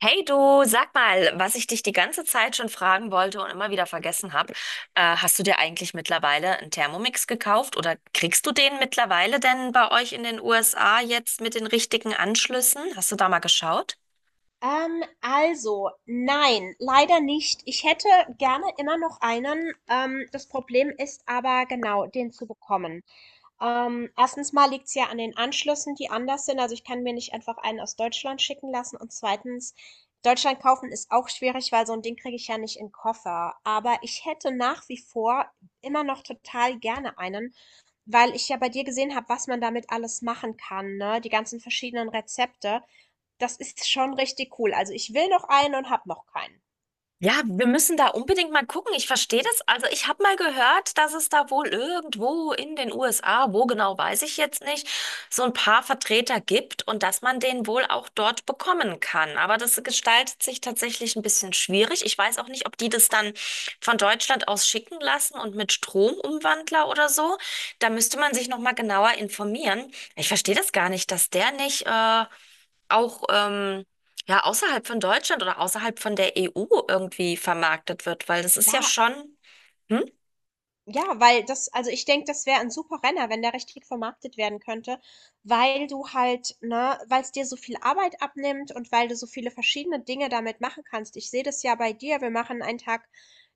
Hey du, sag mal, was ich dich die ganze Zeit schon fragen wollte und immer wieder vergessen habe, hast du dir eigentlich mittlerweile einen Thermomix gekauft oder kriegst du den mittlerweile denn bei euch in den USA jetzt mit den richtigen Anschlüssen? Hast du da mal geschaut? Also, nein, leider nicht. Ich hätte gerne immer noch einen. Das Problem ist aber genau, den zu bekommen. Erstens mal liegt es ja an den Anschlüssen, die anders sind. Also ich kann mir nicht einfach einen aus Deutschland schicken lassen. Und zweitens, Deutschland kaufen ist auch schwierig, weil so ein Ding kriege ich ja nicht in den Koffer. Aber ich hätte nach wie vor immer noch total gerne einen, weil ich ja bei dir gesehen habe, was man damit alles machen kann, ne? Die ganzen verschiedenen Rezepte. Das ist schon richtig cool. Also ich will noch einen und habe noch keinen. Ja, wir müssen da unbedingt mal gucken. Ich verstehe das. Also ich habe mal gehört, dass es da wohl irgendwo in den USA, wo genau weiß ich jetzt nicht, so ein paar Vertreter gibt und dass man den wohl auch dort bekommen kann. Aber das gestaltet sich tatsächlich ein bisschen schwierig. Ich weiß auch nicht, ob die das dann von Deutschland aus schicken lassen und mit Stromumwandler oder so. Da müsste man sich noch mal genauer informieren. Ich verstehe das gar nicht, dass der nicht auch ja, außerhalb von Deutschland oder außerhalb von der EU irgendwie vermarktet wird, weil das ist ja Ja. schon, hm? Ja, weil das also ich denke, das wäre ein super Renner, wenn der richtig vermarktet werden könnte, weil du halt ne, weil es dir so viel Arbeit abnimmt und weil du so viele verschiedene Dinge damit machen kannst. Ich sehe das ja bei dir, wir machen einen Tag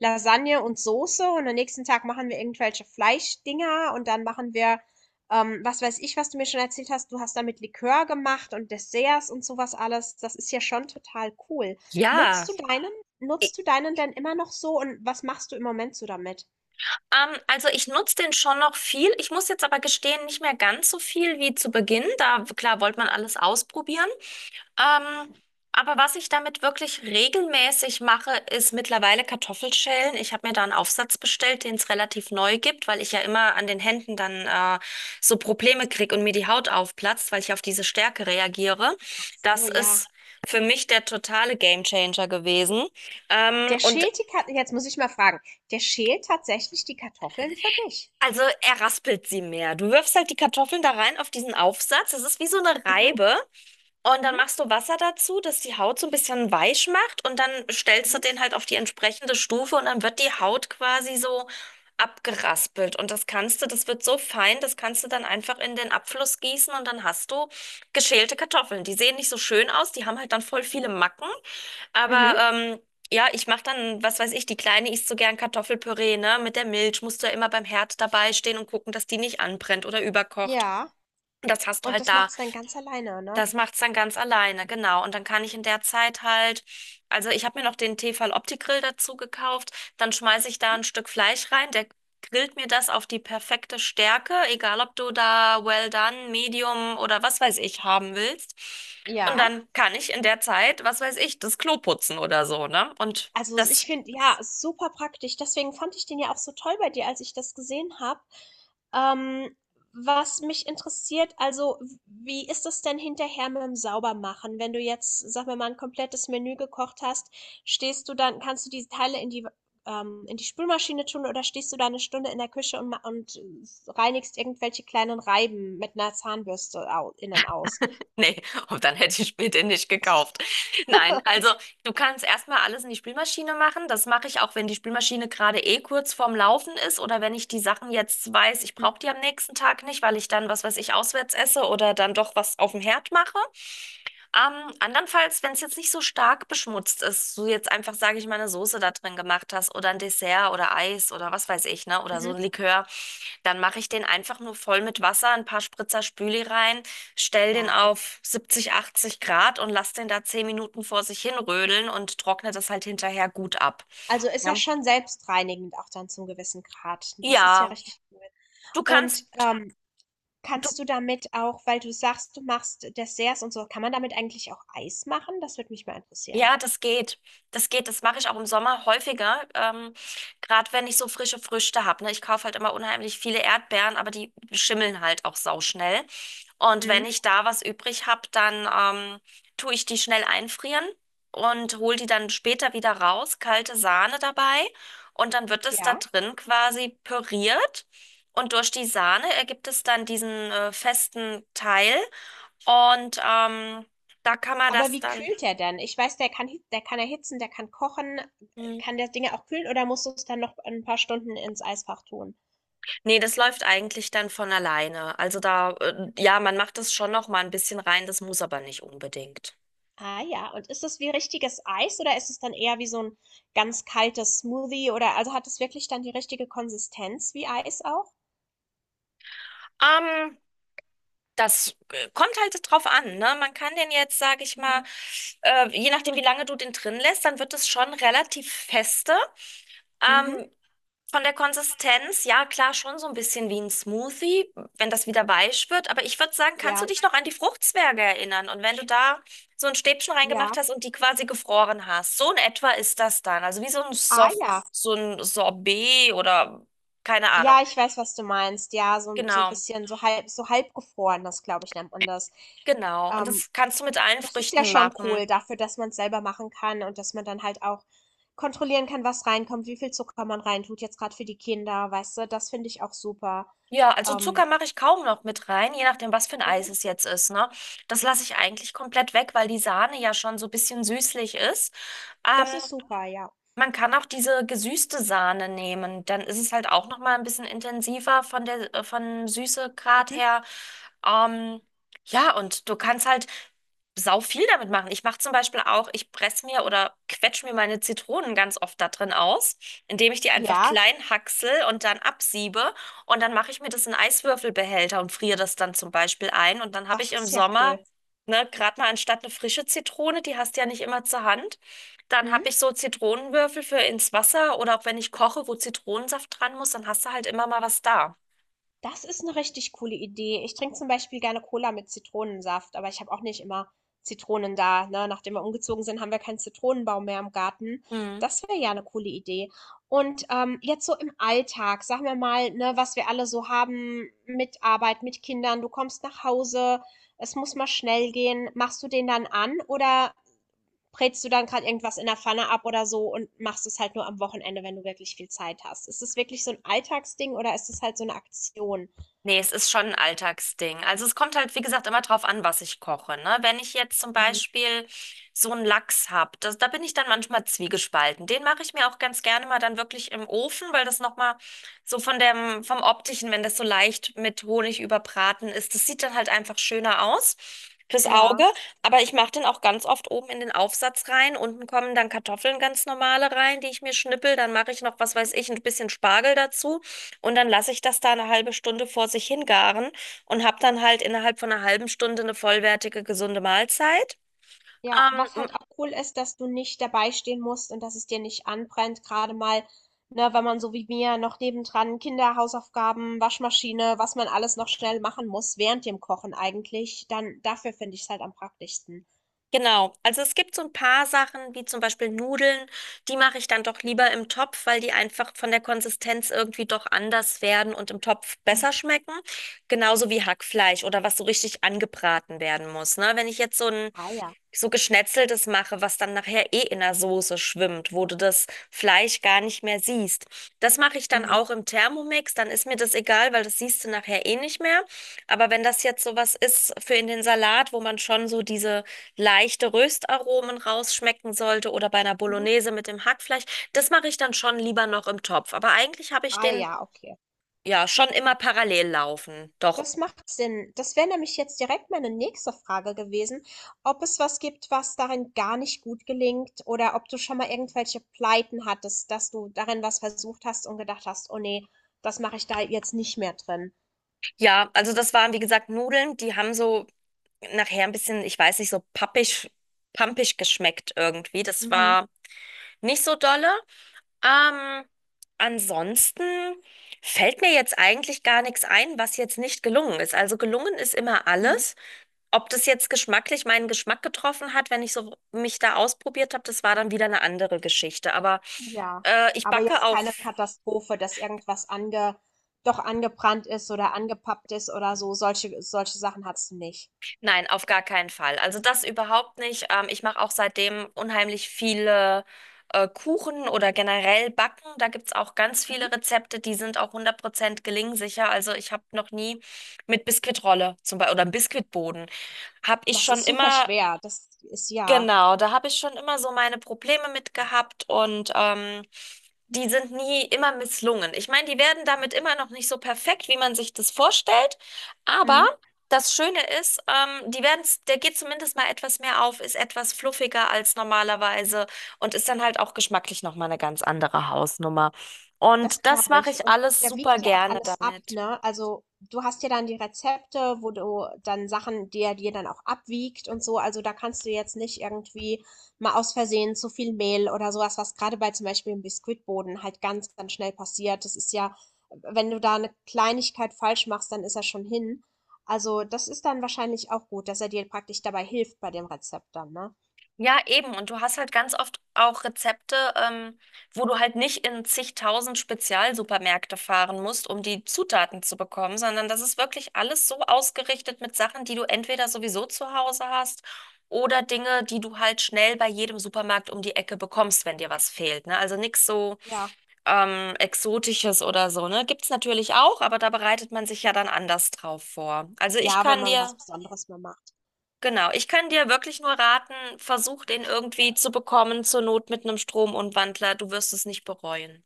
Lasagne und Soße und am nächsten Tag machen wir irgendwelche Fleischdinger und dann machen wir, was weiß ich, was du mir schon erzählt hast, du hast damit Likör gemacht und Desserts und sowas alles. Das ist ja schon total cool. Ja. Nutzt du deinen Ich, nutzt du deinen denn immer noch so und was machst du im Moment so damit? Also ich nutze den schon noch viel. Ich muss jetzt aber gestehen, nicht mehr ganz so viel wie zu Beginn. Da, klar, wollte man alles ausprobieren. Ähm, aber was ich damit wirklich regelmäßig mache, ist mittlerweile Kartoffelschälen. Ich habe mir da einen Aufsatz bestellt, den es relativ neu gibt, weil ich ja immer an den Händen dann so Probleme kriege und mir die Haut aufplatzt, weil ich auf diese Stärke reagiere. So, Das ja. ist für mich der totale Gamechanger gewesen. Der Und schält die Kartoffeln. Jetzt muss ich mal fragen. Der schält tatsächlich die Kartoffeln für dich. also er raspelt sie mehr. Du wirfst halt die Kartoffeln da rein auf diesen Aufsatz. Das ist wie so eine Mhm, Reibe. Und dann mhm, machst du Wasser dazu, das die Haut so ein bisschen weich macht, und dann stellst du mhm, den halt auf die entsprechende Stufe und dann wird die Haut quasi so abgeraspelt. Und das kannst du, das wird so fein, das kannst du dann einfach in den Abfluss gießen und dann hast du geschälte Kartoffeln. Die sehen nicht so schön aus, die haben halt dann voll viele Macken, aber mhm. Ja, ich mache dann, was weiß ich, die Kleine isst so gern Kartoffelpüree, ne? Mit der Milch musst du ja immer beim Herd dabei stehen und gucken, dass die nicht anbrennt oder überkocht. Ja. Und das hast du Und halt das da. macht's dann ganz alleine, ne? Das macht's dann ganz alleine, genau. Und dann kann ich in der Zeit halt, also ich habe mir noch den Tefal Opti-Grill dazu gekauft, dann schmeiße ich da ein Stück Fleisch rein, der grillt mir das auf die perfekte Stärke, egal ob du da well done, medium oder was weiß ich haben willst. Und Ja. dann kann ich in der Zeit, was weiß ich, das Klo putzen oder so, ne? Und Also, das ich finde, ja, super praktisch. Deswegen fand ich den ja auch so toll bei dir, als ich das gesehen habe. Ähm, Was mich interessiert, also, wie ist das denn hinterher mit dem Saubermachen? Wenn du jetzt, sag mal, ein komplettes Menü gekocht hast, stehst du dann, kannst du diese Teile in die Spülmaschine tun oder stehst du da eine Stunde in der Küche und, reinigst irgendwelche kleinen Reiben mit einer Zahnbürste au innen aus? Nee, und dann hätte ich mir den nicht gekauft. Nein, also du kannst erstmal alles in die Spülmaschine machen. Das mache ich auch, wenn die Spülmaschine gerade eh kurz vorm Laufen ist oder wenn ich die Sachen jetzt weiß, ich brauche die am nächsten Tag nicht, weil ich dann, was weiß ich, auswärts esse oder dann doch was auf dem Herd mache. Andernfalls, wenn es jetzt nicht so stark beschmutzt ist, du jetzt einfach, sage ich mal, eine Soße da drin gemacht hast oder ein Dessert oder Eis oder was weiß ich, ne, oder so Mhm. ein Likör, dann mache ich den einfach nur voll mit Wasser, ein paar Spritzer Spüli rein, stell den Ja. auf 70, 80 Grad und lass den da 10 Minuten vor sich hin rödeln und trockne das halt hinterher gut ab. Also, ist ja Ja, schon selbstreinigend auch dann zum gewissen Grad. Das ist ja ja, richtig cool. du kannst. Und, kannst du damit auch weil du sagst, du machst Desserts und so, kann man damit eigentlich auch Eis machen? Das würde mich mal interessieren. Ja, das geht. Das geht. Das mache ich auch im Sommer häufiger. Gerade wenn ich so frische Früchte habe. Ne? Ich kaufe halt immer unheimlich viele Erdbeeren, aber die schimmeln halt auch sauschnell. Und wenn Mhm. ich da was übrig habe, dann ähm, tue ich die schnell einfrieren und hole die dann später wieder raus. Kalte Sahne dabei. Und dann wird es da Ja? drin quasi püriert. Und durch die Sahne ergibt es dann diesen festen Teil. Und da kann man Aber das wie dann. kühlt der denn? Ich weiß, der kann hi der kann erhitzen, der kann kochen. hm, Kann der Dinge auch kühlen oder musst du es dann noch ein paar Stunden ins Eisfach tun? Nee, das läuft eigentlich dann von alleine. Also da, Mhm. ja, man macht das schon noch mal ein bisschen rein, das muss aber nicht unbedingt. Ah ja, und ist das wie richtiges Eis oder ist es dann eher wie so ein ganz kaltes Smoothie oder also, hat es wirklich dann die richtige Konsistenz wie Eis auch? Ähm, Das kommt halt drauf an, ne? Man kann den jetzt, sage ich mal, Mhm. Je nachdem, wie lange du den drin lässt, dann wird es schon relativ feste. Mhm. Ähm, Von der Konsistenz, ja klar, schon so ein bisschen wie ein Smoothie, wenn das wieder weich wird. Aber ich würde sagen, kannst du Ja, dich noch an die Fruchtzwerge erinnern? Und wenn du da so ein Stäbchen reingemacht ja. hast und die quasi gefroren hast, so in etwa ist das dann. Also wie so ein Ah Soft, ja. so ein Sorbet oder keine Ahnung. Ja, ich weiß, was du meinst. Ja, so, so ein Genau, bisschen, so halb, so halbgefroren, das glaube ich, nennt man das. genau. Und Ähm, das kannst du mit allen Das ist ja Früchten schon machen. cool dafür, dass man es selber machen kann und dass man dann halt auch kontrollieren kann, was reinkommt, wie viel Zucker man reintut, jetzt gerade für die Kinder, weißt du, das finde ich auch super. Ja, also Ähm, Zucker mache ich kaum noch mit rein, je nachdem, was für ein Eis mhm. es jetzt ist, ne? Das lasse ich eigentlich komplett weg, weil die Sahne ja schon so ein bisschen süßlich ist. Ähm, Das ist super, ja. Man kann auch diese gesüßte Sahne nehmen, dann ist es halt auch noch mal ein bisschen intensiver von der von Süßegrad Mhm. her. ähm, ja, und du kannst halt sau viel damit machen. Ich mache zum Beispiel auch, ich presse mir oder quetsche mir meine Zitronen ganz oft da drin aus, indem ich die einfach Ja, klein hacksel und dann absiebe. Und dann mache ich mir das in Eiswürfelbehälter und friere das dann zum Beispiel ein. Und dann habe das ich im ist ja Sommer, cool. ne, gerade mal anstatt eine frische Zitrone, die hast du ja nicht immer zur Hand, dann Hm? habe ich so Zitronenwürfel für ins Wasser oder auch wenn ich koche, wo Zitronensaft dran muss, dann hast du halt immer mal was da. Das ist eine richtig coole Idee. Ich trinke zum Beispiel gerne Cola mit Zitronensaft, aber ich habe auch nicht immer Zitronen da, ne? Nachdem wir umgezogen sind, haben wir keinen Zitronenbaum mehr im Garten. Hm. Das wäre ja eine coole Idee. Und, jetzt so im Alltag, sagen wir mal, ne, was wir alle so haben mit Arbeit, mit Kindern, du kommst nach Hause, es muss mal schnell gehen. Machst du den dann an oder brätst du dann gerade irgendwas in der Pfanne ab oder so und machst es halt nur am Wochenende, wenn du wirklich viel Zeit hast? Ist es wirklich so ein Alltagsding oder ist es halt so eine Aktion? Nee, es ist schon ein Alltagsding. Also es kommt halt, wie gesagt, immer drauf an, was ich koche, ne? Wenn ich jetzt zum Mhm. Beispiel so einen Lachs hab, das, da bin ich dann manchmal zwiegespalten. Den mache ich mir auch ganz gerne mal dann wirklich im Ofen, weil das nochmal so von dem, vom Optischen, wenn das so leicht mit Honig überbraten ist, das sieht dann halt einfach schöner aus fürs Auge. Ja, Aber ich mache den auch ganz oft oben in den Aufsatz rein. Unten kommen dann Kartoffeln ganz normale rein, die ich mir schnippel. Dann mache ich noch, was weiß ich, ein bisschen Spargel dazu. Und dann lasse ich das da eine halbe Stunde vor sich hingaren und habe dann halt innerhalb von einer halben Stunde eine vollwertige, gesunde Mahlzeit. ja, Ähm, was m- halt auch cool ist, dass du nicht dabei stehen musst und dass es dir nicht anbrennt, gerade mal, ne, wenn man so wie mir noch nebendran Kinder, Hausaufgaben, Waschmaschine, was man alles noch schnell machen muss während dem Kochen eigentlich, dann dafür finde ich es halt am praktischsten. genau. Also es gibt so ein paar Sachen, wie zum Beispiel Nudeln, die mache ich dann doch lieber im Topf, weil die einfach von der Konsistenz irgendwie doch anders werden und im Topf Mhm. besser schmecken. Genauso wie Hackfleisch oder was so richtig angebraten werden muss. Ne? Wenn ich jetzt Ah ja. so Geschnetzeltes mache, was dann nachher eh in der Soße schwimmt, wo du das Fleisch gar nicht mehr siehst. Das mache ich dann Mhm. auch im Thermomix, dann ist mir das egal, weil das siehst du nachher eh nicht mehr. Aber wenn das jetzt sowas ist für in den Salat, wo man schon so diese leichte Röstaromen rausschmecken sollte oder bei einer Mhm. Bolognese mit dem Hackfleisch, das mache ich dann schon lieber noch im Topf. Aber eigentlich habe ich Ah den ja, okay. ja schon immer parallel laufen. Doch. Das macht Sinn. Das wäre nämlich jetzt direkt meine nächste Frage gewesen, ob es was gibt, was darin gar nicht gut gelingt oder ob du schon mal irgendwelche Pleiten hattest, dass du darin was versucht hast und gedacht hast, oh nee, das mache ich da jetzt nicht mehr drin. Ja, also das waren wie gesagt Nudeln, die haben so nachher ein bisschen, ich weiß nicht, so pappig, pampig geschmeckt irgendwie. Das Mhm, war nicht so dolle. Ähm, Ansonsten fällt mir jetzt eigentlich gar nichts ein, was jetzt nicht gelungen ist. Also gelungen ist immer mhm. alles. Ob das jetzt geschmacklich meinen Geschmack getroffen hat, wenn ich so mich da ausprobiert habe, das war dann wieder eine andere Geschichte. Aber Ja, ich aber backe jetzt auch. keine Katastrophe, dass doch angebrannt ist oder angepappt ist oder so. Solche Sachen hattest du nicht. Nein, auf gar keinen Fall. Also das überhaupt nicht. Ich mache auch seitdem unheimlich viele Kuchen oder generell Backen. Da gibt's auch ganz Mhm. viele Rezepte, die sind auch 100% gelingsicher. Also ich habe noch nie mit Biskuitrolle zum Beispiel oder Biskuitboden, habe ich Das schon ist super immer. schwer. Das ist ja. Genau, da habe ich schon immer so meine Probleme mit gehabt, und die sind nie immer misslungen. Ich meine, die werden damit immer noch nicht so perfekt, wie man sich das vorstellt, aber Mhm. das Schöne ist, die werden, der geht zumindest mal etwas mehr auf, ist etwas fluffiger als normalerweise und ist dann halt auch geschmacklich nochmal eine ganz andere Hausnummer. Das Und das glaube mache ich. ich Und alles der super wiegt ja auch gerne alles ab, damit. ne? Also du hast ja dann die Rezepte, wo du dann Sachen, die er dir dann auch abwiegt und so. Also da kannst du jetzt nicht irgendwie mal aus Versehen zu viel Mehl oder sowas, was gerade bei zum Beispiel im Biskuitboden halt ganz schnell passiert. Das ist ja, wenn du da eine Kleinigkeit falsch machst, dann ist er schon hin. Also das ist dann wahrscheinlich auch gut, dass er dir praktisch dabei hilft bei dem Rezept dann, ne? Ja, eben. Und du hast halt ganz oft auch Rezepte, wo du halt nicht in zigtausend Spezialsupermärkte fahren musst, um die Zutaten zu bekommen, sondern das ist wirklich alles so ausgerichtet mit Sachen, die du entweder sowieso zu Hause hast oder Dinge, die du halt schnell bei jedem Supermarkt um die Ecke bekommst, wenn dir was fehlt, ne? Also nichts so Ja. Exotisches oder so, ne? Gibt's natürlich auch, aber da bereitet man sich ja dann anders drauf vor. Also ich Ja, wenn kann man was dir. Besonderes mal macht. Genau, ich kann dir wirklich nur raten, versuch den irgendwie zu bekommen, zur Not mit einem Stromumwandler. Du wirst es nicht bereuen.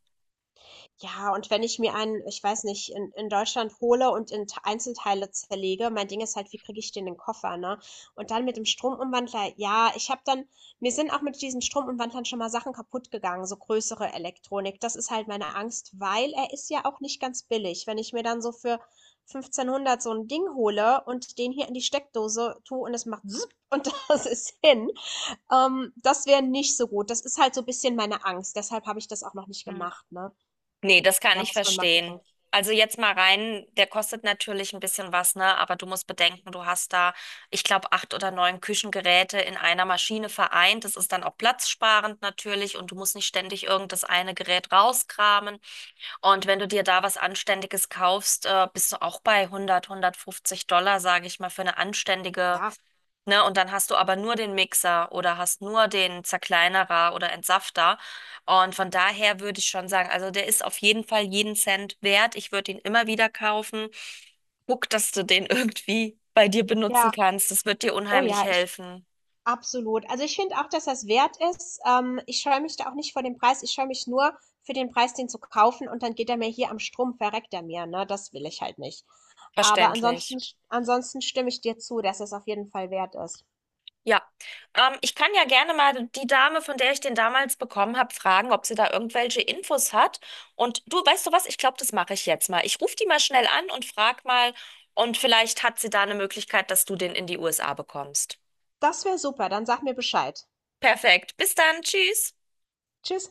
Ja, und wenn ich mir einen, ich weiß nicht, in Deutschland hole und in T Einzelteile zerlege mein Ding ist halt, wie kriege ich den in den Koffer, ne? Und dann mit dem Stromumwandler, ja, ich habe dann mir sind auch mit diesen Stromumwandlern schon mal Sachen kaputt gegangen so größere Elektronik. Das ist halt meine Angst, weil er ist ja auch nicht ganz billig. Wenn ich mir dann so für 1.500 so ein Ding hole und den hier in die Steckdose tue und es macht „Sup“ und das ist hin, das wäre nicht so gut. Das ist halt so ein bisschen meine Angst. Deshalb habe ich das auch noch nicht Hm. gemacht, ne? Nee, das kann Da ich muss man mal verstehen. gucken. Also jetzt mal rein, der kostet natürlich ein bisschen was, ne? Aber du musst bedenken, du hast da, ich glaube, 8 oder 9 Küchengeräte in einer Maschine vereint. Das ist dann auch platzsparend natürlich und du musst nicht ständig irgenddas eine Gerät rauskramen. Und wenn du dir da was Anständiges kaufst, bist du auch bei 100, 150 Dollar, sage ich mal, für eine anständige. Ja, Ne? Und dann hast du aber nur den Mixer oder hast nur den Zerkleinerer oder Entsafter. Und von daher würde ich schon sagen, also der ist auf jeden Fall jeden Cent wert. Ich würde ihn immer wieder kaufen. Guck, dass du den irgendwie bei dir benutzen ja, kannst. Das wird dir oh unheimlich ja, ich helfen. absolut. Also ich finde auch, dass das wert ist. Ich scheue mich da auch nicht vor dem Preis. Ich scheue mich nur für den Preis, den zu kaufen und dann geht er mir hier am Strom, verreckt er mir, ne? Das will ich halt nicht. Aber ansonsten, Verständlich. ansonsten stimme ich dir zu, dass es auf jeden Fall wert ist. Ja, ich kann ja gerne mal die Dame, von der ich den damals bekommen habe, fragen, ob sie da irgendwelche Infos hat. Und du, weißt du was? Ich glaube, das mache ich jetzt mal. Ich rufe die mal schnell an und frag mal. Und vielleicht hat sie da eine Möglichkeit, dass du den in die USA bekommst. Das wäre super. Dann sag mir Bescheid. Perfekt. Bis dann. Tschüss. Tschüss.